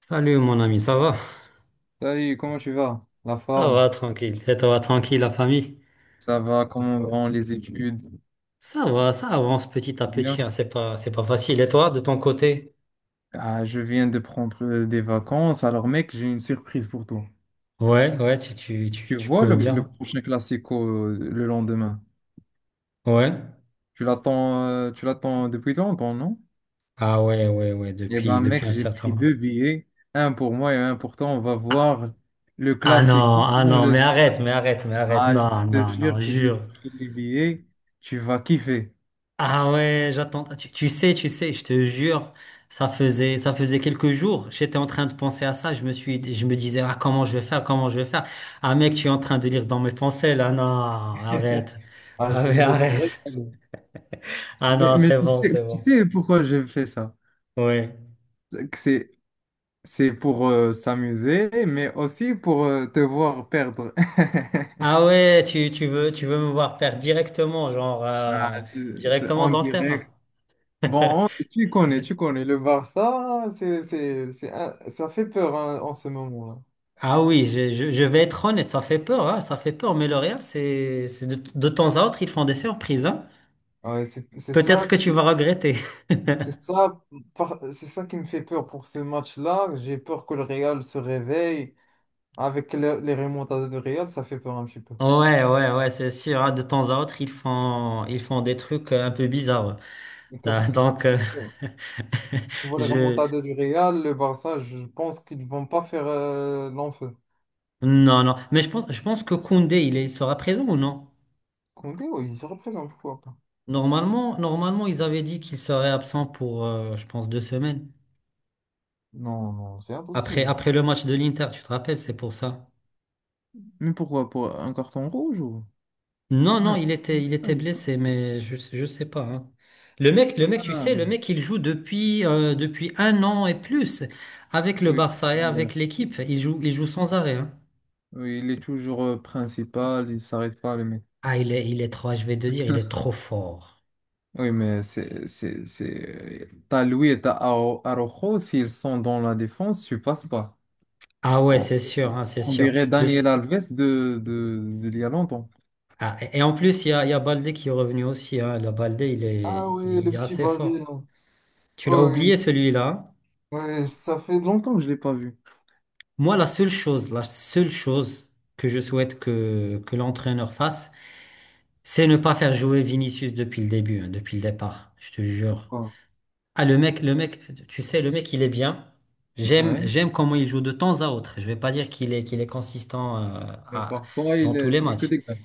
Salut mon ami, ça va? Salut, comment tu vas? La Ça forme? va, tranquille. Et toi, tranquille, la famille? Ça va, comment vont les études? Ça va, ça avance petit à petit, Bien. hein. C'est pas facile. Et toi, de ton côté? Ah, je viens de prendre des vacances, alors mec, j'ai une surprise pour toi. Ouais, ouais, tu, tu, tu, Tu tu vois peux me dire. le prochain classico le lendemain? Ouais. Tu tu l'attends depuis longtemps, non? Ah ouais, ouais, ouais, Eh depuis, ben depuis mec, un j'ai certain pris moment. deux billets, un pour moi et un pour toi. On va voir le Ah classico non, ah dans non, le mais arrête, stade. mais arrête, mais arrête. Ah, je Non, te non, non, jure que j'ai jure. pris les billets, tu vas kiffer. Ah ouais, j'attends. Ah, tu sais, je te jure, ça faisait quelques jours. J'étais en train de penser à ça. Je me disais, ah, comment je vais faire, comment je vais faire. Ah mec, tu es en train de lire dans mes pensées là. Non, arrête. Ah, Ah je mais je vais te arrête. régaler. Ah Mais, non, mais c'est tu bon, sais, c'est tu bon. sais pourquoi j'ai fait ça? Oui. que C'est, c'est pour s'amuser, mais aussi pour te voir perdre. Ah ouais, tu veux me voir faire directement, genre Ah, c'est directement en dans le terrain. direct. Bon, tu connais, J'ai- tu connais. Le Barça, c'est ça fait peur hein, en ce moment-là. Ah oui, je vais être honnête, ça fait peur, hein, ça fait peur. Mais le Real, c'est de temps à autre, ils font des surprises, hein. Ouais, c'est Peut-être ça, que tu vas regretter. c'est ça, c'est ça qui me fait peur pour ce match-là. J'ai peur que le Real se réveille. Avec les remontades de Real, ça fait peur un petit peu. Ouais, ouais, ouais, c'est sûr, hein. De temps à autre, ils font des trucs un peu bizarres. Car Donc, Si tu vois les je, remontades du Real, le Barça, je pense qu'ils vont pas faire l'enfeu. non, non. Mais je pense que Koundé, il est, il sera présent ou non? Koundé, oui, il se représente, pourquoi pas? Normalement, normalement, ils avaient dit qu'il serait absent pour, je pense, 2 semaines. Non, non, c'est Après, impossible. après le match de l'Inter, tu te rappelles, c'est pour ça. Mais pourquoi? Pour un carton rouge ou? Non, Non. non, il était il- blessé, il- mais je sais pas, hein. Le mec, tu sais, le Ah, mec, il joue depuis, depuis 1 an et plus avec le oui, Barça sans et avec relâche. l'équipe. Il joue sans arrêt, hein. Oui, il est toujours principal, il s'arrête pas, le mec. Ah, il est trop, je vais te dire, il est trop fort. Oui, mais T'as Louis et t'as Araujo, s'ils sont dans la défense, tu passes pas. Ah ouais, On, c'est sûr, hein, c'est on sûr. dirait Le, s- Daniel Alves de il y a longtemps. ah, et en plus, il y a Baldé qui est revenu aussi. Hein. Le Baldé, il est, Ah il est, oui, il le est petit assez bandit, là. fort. Tu l'as Oui, oublié celui-là, hein. oui, ça fait longtemps que je ne l'ai pas vu. Moi, la seule chose que je souhaite que l'entraîneur fasse, c'est ne pas faire jouer Vinicius depuis le début, hein, depuis le départ, je te jure. Pourquoi? Ah, le mec, tu sais, le mec, il est bien. Ah J'aime, ouais. j'aime comment il joue de temps à autre. Je vais pas dire qu'il est consistant, Mais à- parfois, dans tous il les fait que matchs. des gaffes.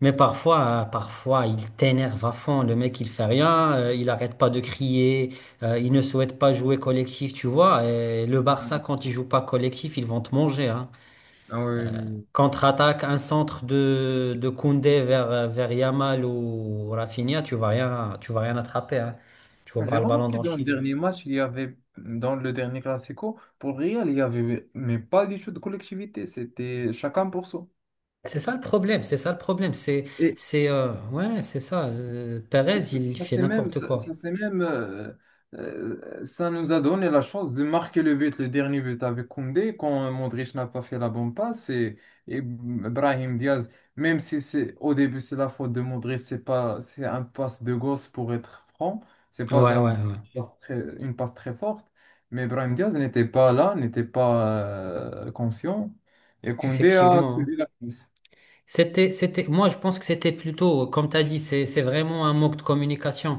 Mais parfois, parfois, il t'énerve à fond. Le mec, il fait rien, il arrête pas de crier, il ne souhaite pas jouer collectif, tu vois. Et le Barça, Ouais. quand il joue pas collectif, ils vont te manger, hein. Ah ouais, oui, oui. Contre-attaque, un centre de Koundé vers Yamal ou Rafinha, tu vas rien attraper, hein. Tu vas Ah, j'ai voir le ballon remarqué dans le dans le filet. dernier match, il y avait, dans le dernier Classico, pour le Real, il y avait, mais pas du tout de collectivité, c'était chacun pour soi. C'est ça le problème, c'est ça le problème. C'est ça. Perez, Et il fait c'est même, n'importe quoi. c'est même ça nous a donné la chance de marquer le but, le dernier but avec Koundé, quand Modric n'a pas fait la bonne passe, et Brahim Diaz, même si c'est au début c'est la faute de Modric, c'est pas, c'est un passe de gosse pour être franc, c'est pas Ouais, un, ouais, ouais. Une passe très forte, mais Brahim Diaz n'était pas là, n'était pas conscient, et Koundé a Effectivement, hein. suivi la course. Moi, je pense que c'était plutôt, comme tu as dit, c'est vraiment un manque de communication.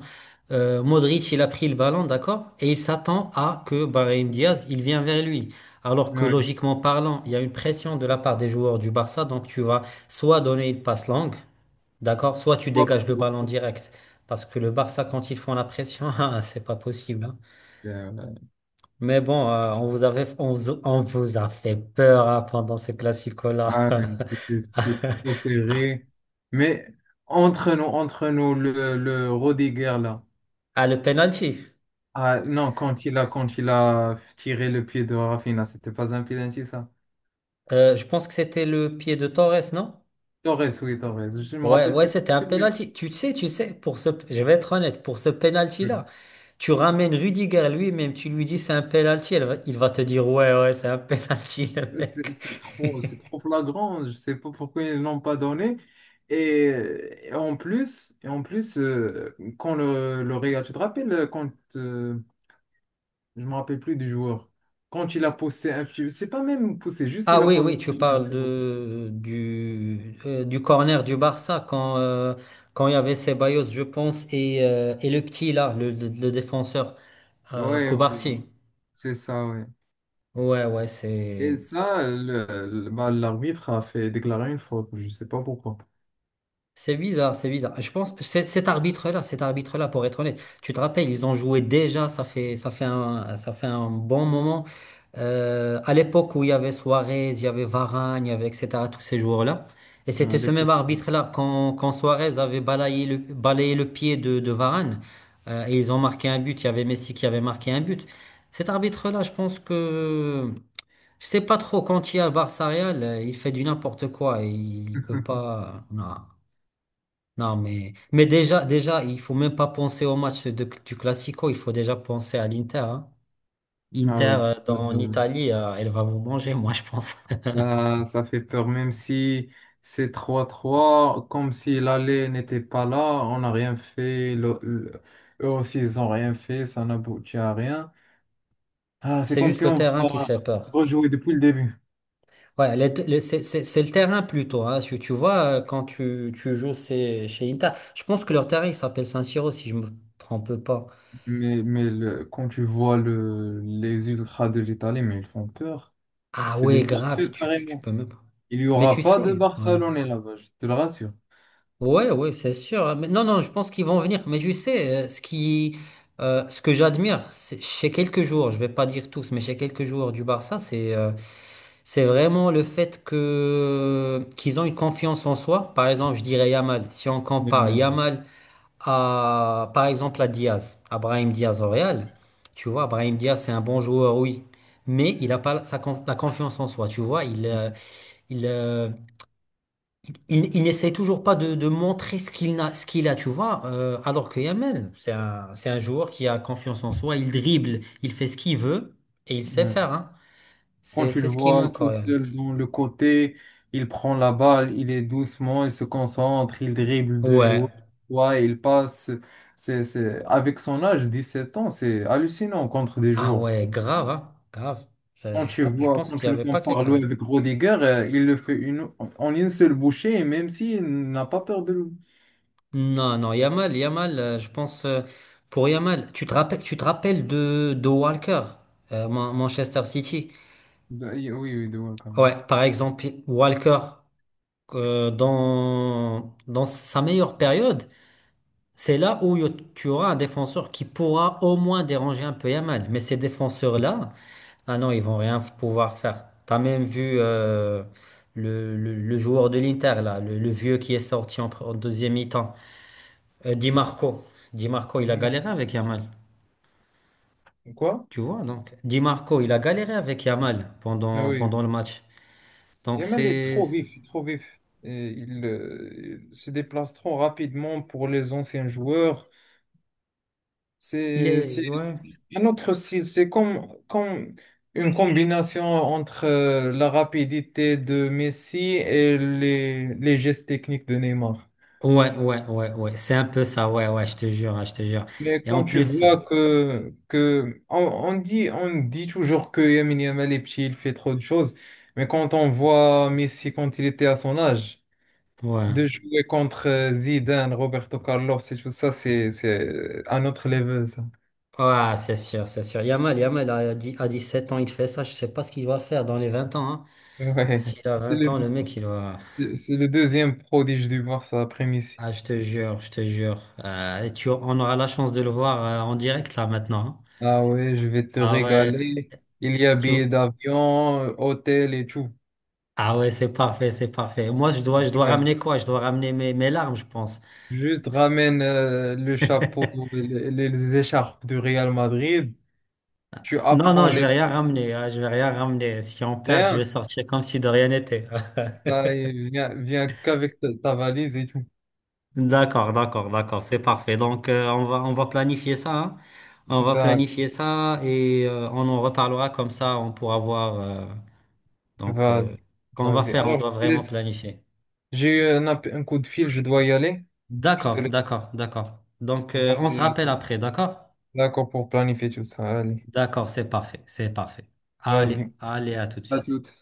Modric, il a pris le ballon, d'accord? Et il s'attend à que Brahim Diaz, il vient vers lui. Alors que Oui. logiquement parlant, il y a une pression de la part des joueurs du Barça, donc tu vas soit donner une passe longue, d'accord? Soit tu dégages le ballon direct. Parce que le Barça, quand ils font la pression, ah, c'est pas possible, hein. Euh, Mais bon, on vous avait, on vous a fait peur, hein, pendant ce classico-là. Ah oui, c'était trop serré. Mais entre nous, le Rodiger là. Ah, le penalty. Ah non, quand quand il a tiré le pied de Rafinha, c'était pas un penalty ça. Je pense que c'était le pied de Torres, non? Torres, oui, Torres. Je me Ouais, rappelle ouais, plus. c'était un Oui, penalty. Tu sais, je vais être honnête, pour ce penalty-là, oui. tu ramènes Rudiger lui-même, tu lui dis c'est un penalty, il va te dire ouais, ouais, c'est un penalty, le mec. C'est c'est trop flagrant. Je sais pas pourquoi ils l'ont pas donné. Et en plus, quand le Real, tu te rappelles quand euh, je me rappelle plus du joueur. Quand il a poussé un petit... C'est pas même poussé, juste Ah il a oui, posé... oui, tu parles de du corner du Barça quand quand il y avait Ceballos, je pense, et et le petit là, le défenseur Ouais, ouais, Cubarsí. c'est ça, ouais. Ouais, ouais, c'est. Et ça, bah, l'arbitre a fait déclarer une faute, je sais pas pourquoi. C'est bizarre, c'est bizarre. Je pense que c'est- cet arbitre-là, pour être honnête, tu te rappelles, ils ont joué déjà, ça fait un bon moment. À l'époque où il y avait Suarez, il y avait Varane, il y avait etc., tous ces joueurs-là. Et Mais c'était à ce même l'époque, arbitre-là, quand Suarez avait balayé balayé le pied de Varane, et ils ont marqué un but, il y avait Messi qui avait marqué un but. Cet arbitre-là, je sais pas trop, quand il y a Barça-Real, il fait du n'importe quoi, et il peut pas, non. Non, mais déjà, déjà, il faut même pas penser du Classico, il faut déjà penser à l'Inter, hein. Ah Inter, oui, en Euh, Italie, elle va vous manger, moi, je pense. ça, ça fait peur, même si c'est 3-3 comme si l'aller n'était pas là, on n'a rien fait, eux aussi ils n'ont rien fait, ça n'aboutit à rien. Ah, c'est C'est comme juste si le on terrain qui va fait peur. rejouer depuis le début. Ouais, c'est le terrain plutôt. Hein. Tu vois, quand tu joues chez Inter, je pense que leur terrain, il s'appelle San-Siro, si je me trompe pas. Mais quand tu vois les ultras de l'Italie, mais ils font peur. Ah C'est des ouais, mafieux grave, tu carrément. peux même pas. Il n'y Mais tu aura pas de sais, ouais. Barcelonais là-bas, je te le rassure. Ouais, ouais, c'est sûr, hein. Mais non, non, je pense qu'ils vont venir. Mais je sais, ce que j'admire chez quelques joueurs, je vais pas dire tous, mais chez quelques joueurs du Barça, c'est vraiment le fait que qu'ils ont une confiance en soi. Par exemple, je dirais Yamal. Si on Mais- compare mais- Yamal à, par exemple, à Diaz, à Brahim Diaz au Real, tu vois, Brahim Diaz, c'est un bon joueur, oui, mais il a pas la confiance en soi. Tu vois, il, euh, il n'essaie toujours pas de montrer ce qu'il a, tu vois. Alors que Yamal, c'est un joueur qui a confiance en soi, il dribble, il fait ce qu'il veut et il sait ouais. faire, hein. Quand tu le C'est ce qui vois manque, tout Auriel. seul dans le côté, il prend la balle, il est doucement, il se concentre, il dribble deux joueurs, Ouais. ouais, il passe. C'est... Avec son âge, 17 ans, c'est hallucinant contre des Ah joueurs. ouais, grave, hein. Grave. Quand tu Je vois, pense quand qu'il tu n'y le avait pas compares quelqu'un. lui avec Rodiger, il le fait une, en une seule bouchée, et même s'il n'a pas peur Non, non, Yamal, Yamal, pour Yamal, tu te rappelles de Walker, Manchester City. Oui, oui, de Welcome. Ouais, par exemple, Walker. Dans sa meilleure période, c'est là où y- tu auras un défenseur qui pourra au moins déranger un peu Yamal. Mais ces défenseurs-là, ah non, ils vont rien pouvoir faire. T'as même vu le joueur de l'Inter, là, le vieux qui est sorti en deuxième mi-temps, Di Marco. Di Marco, il a Il marche galéré pas. avec Yamal. Quoi? Tu vois, donc, Di Marco, il a galéré avec Yamal Ah oui. pendant le match. Donc, Yamal est c'est, trop vif, trop vif. Et il se déplace trop rapidement pour les anciens joueurs. il C'est est, ouais. un autre style. C'est comme une combination entre la rapidité de Messi et les gestes techniques de Neymar. Ouais, ouais, ouais, ouais. C'est un peu ça, ouais, ouais, je te jure, ouais, je te jure. Mais Et en quand tu plus, vois que on dit toujours que Lamine Yamal est petit, il fait trop de choses, mais quand on voit Messi quand il était à son âge, ouais. de jouer contre Zidane, Roberto Carlos et tout ça, c'est un autre level, ça. Ouais, c'est sûr, c'est sûr. Yamal à 7 ans, il fait ça. Je sais pas ce qu'il va faire dans les 20 ans, hein. Ouais. S'il a C'est 20 ans, le mec, il va. c'est le deuxième prodige du Barça après Messi. Ah, je te jure, je te jure. Et on aura la chance de le voir en direct là maintenant, hein. Ah ouais, je vais te Ah ouais, régaler. Il tu, y a billets tu- d'avion, hôtel et tout. ah ouais, c'est parfait, c'est parfait. Moi, je dois ramener quoi? Je dois ramener mes larmes, je pense. Juste ramène le chapeau, les écharpes du Real Madrid. Tu Non, non, apprends je vais les rien trucs, ramener, hein, je vais rien ramener. Si on perd, je vais rien. sortir comme si de rien n'était. Là, et viens, viens qu'avec ta valise et tout. D'accord, d'accord, d'accord, c'est parfait. Donc, on va planifier ça, hein. On va D'accord, planifier ça et on en reparlera comme ça, on pourra voir. Donc, euh, vas-y. qu'on va Vas-y. faire, on Alors, je doit te vraiment laisse. planifier. J'ai eu un, un coup de fil, je dois y aller. Je te D'accord, laisse. d'accord, d'accord. Donc, on se Vas-y. À rappelle toute. après, d'accord? D'accord pour planifier tout ça. Allez, D'accord, c'est parfait, c'est parfait. Allez, vas-y. allez, à tout de À suite. toute.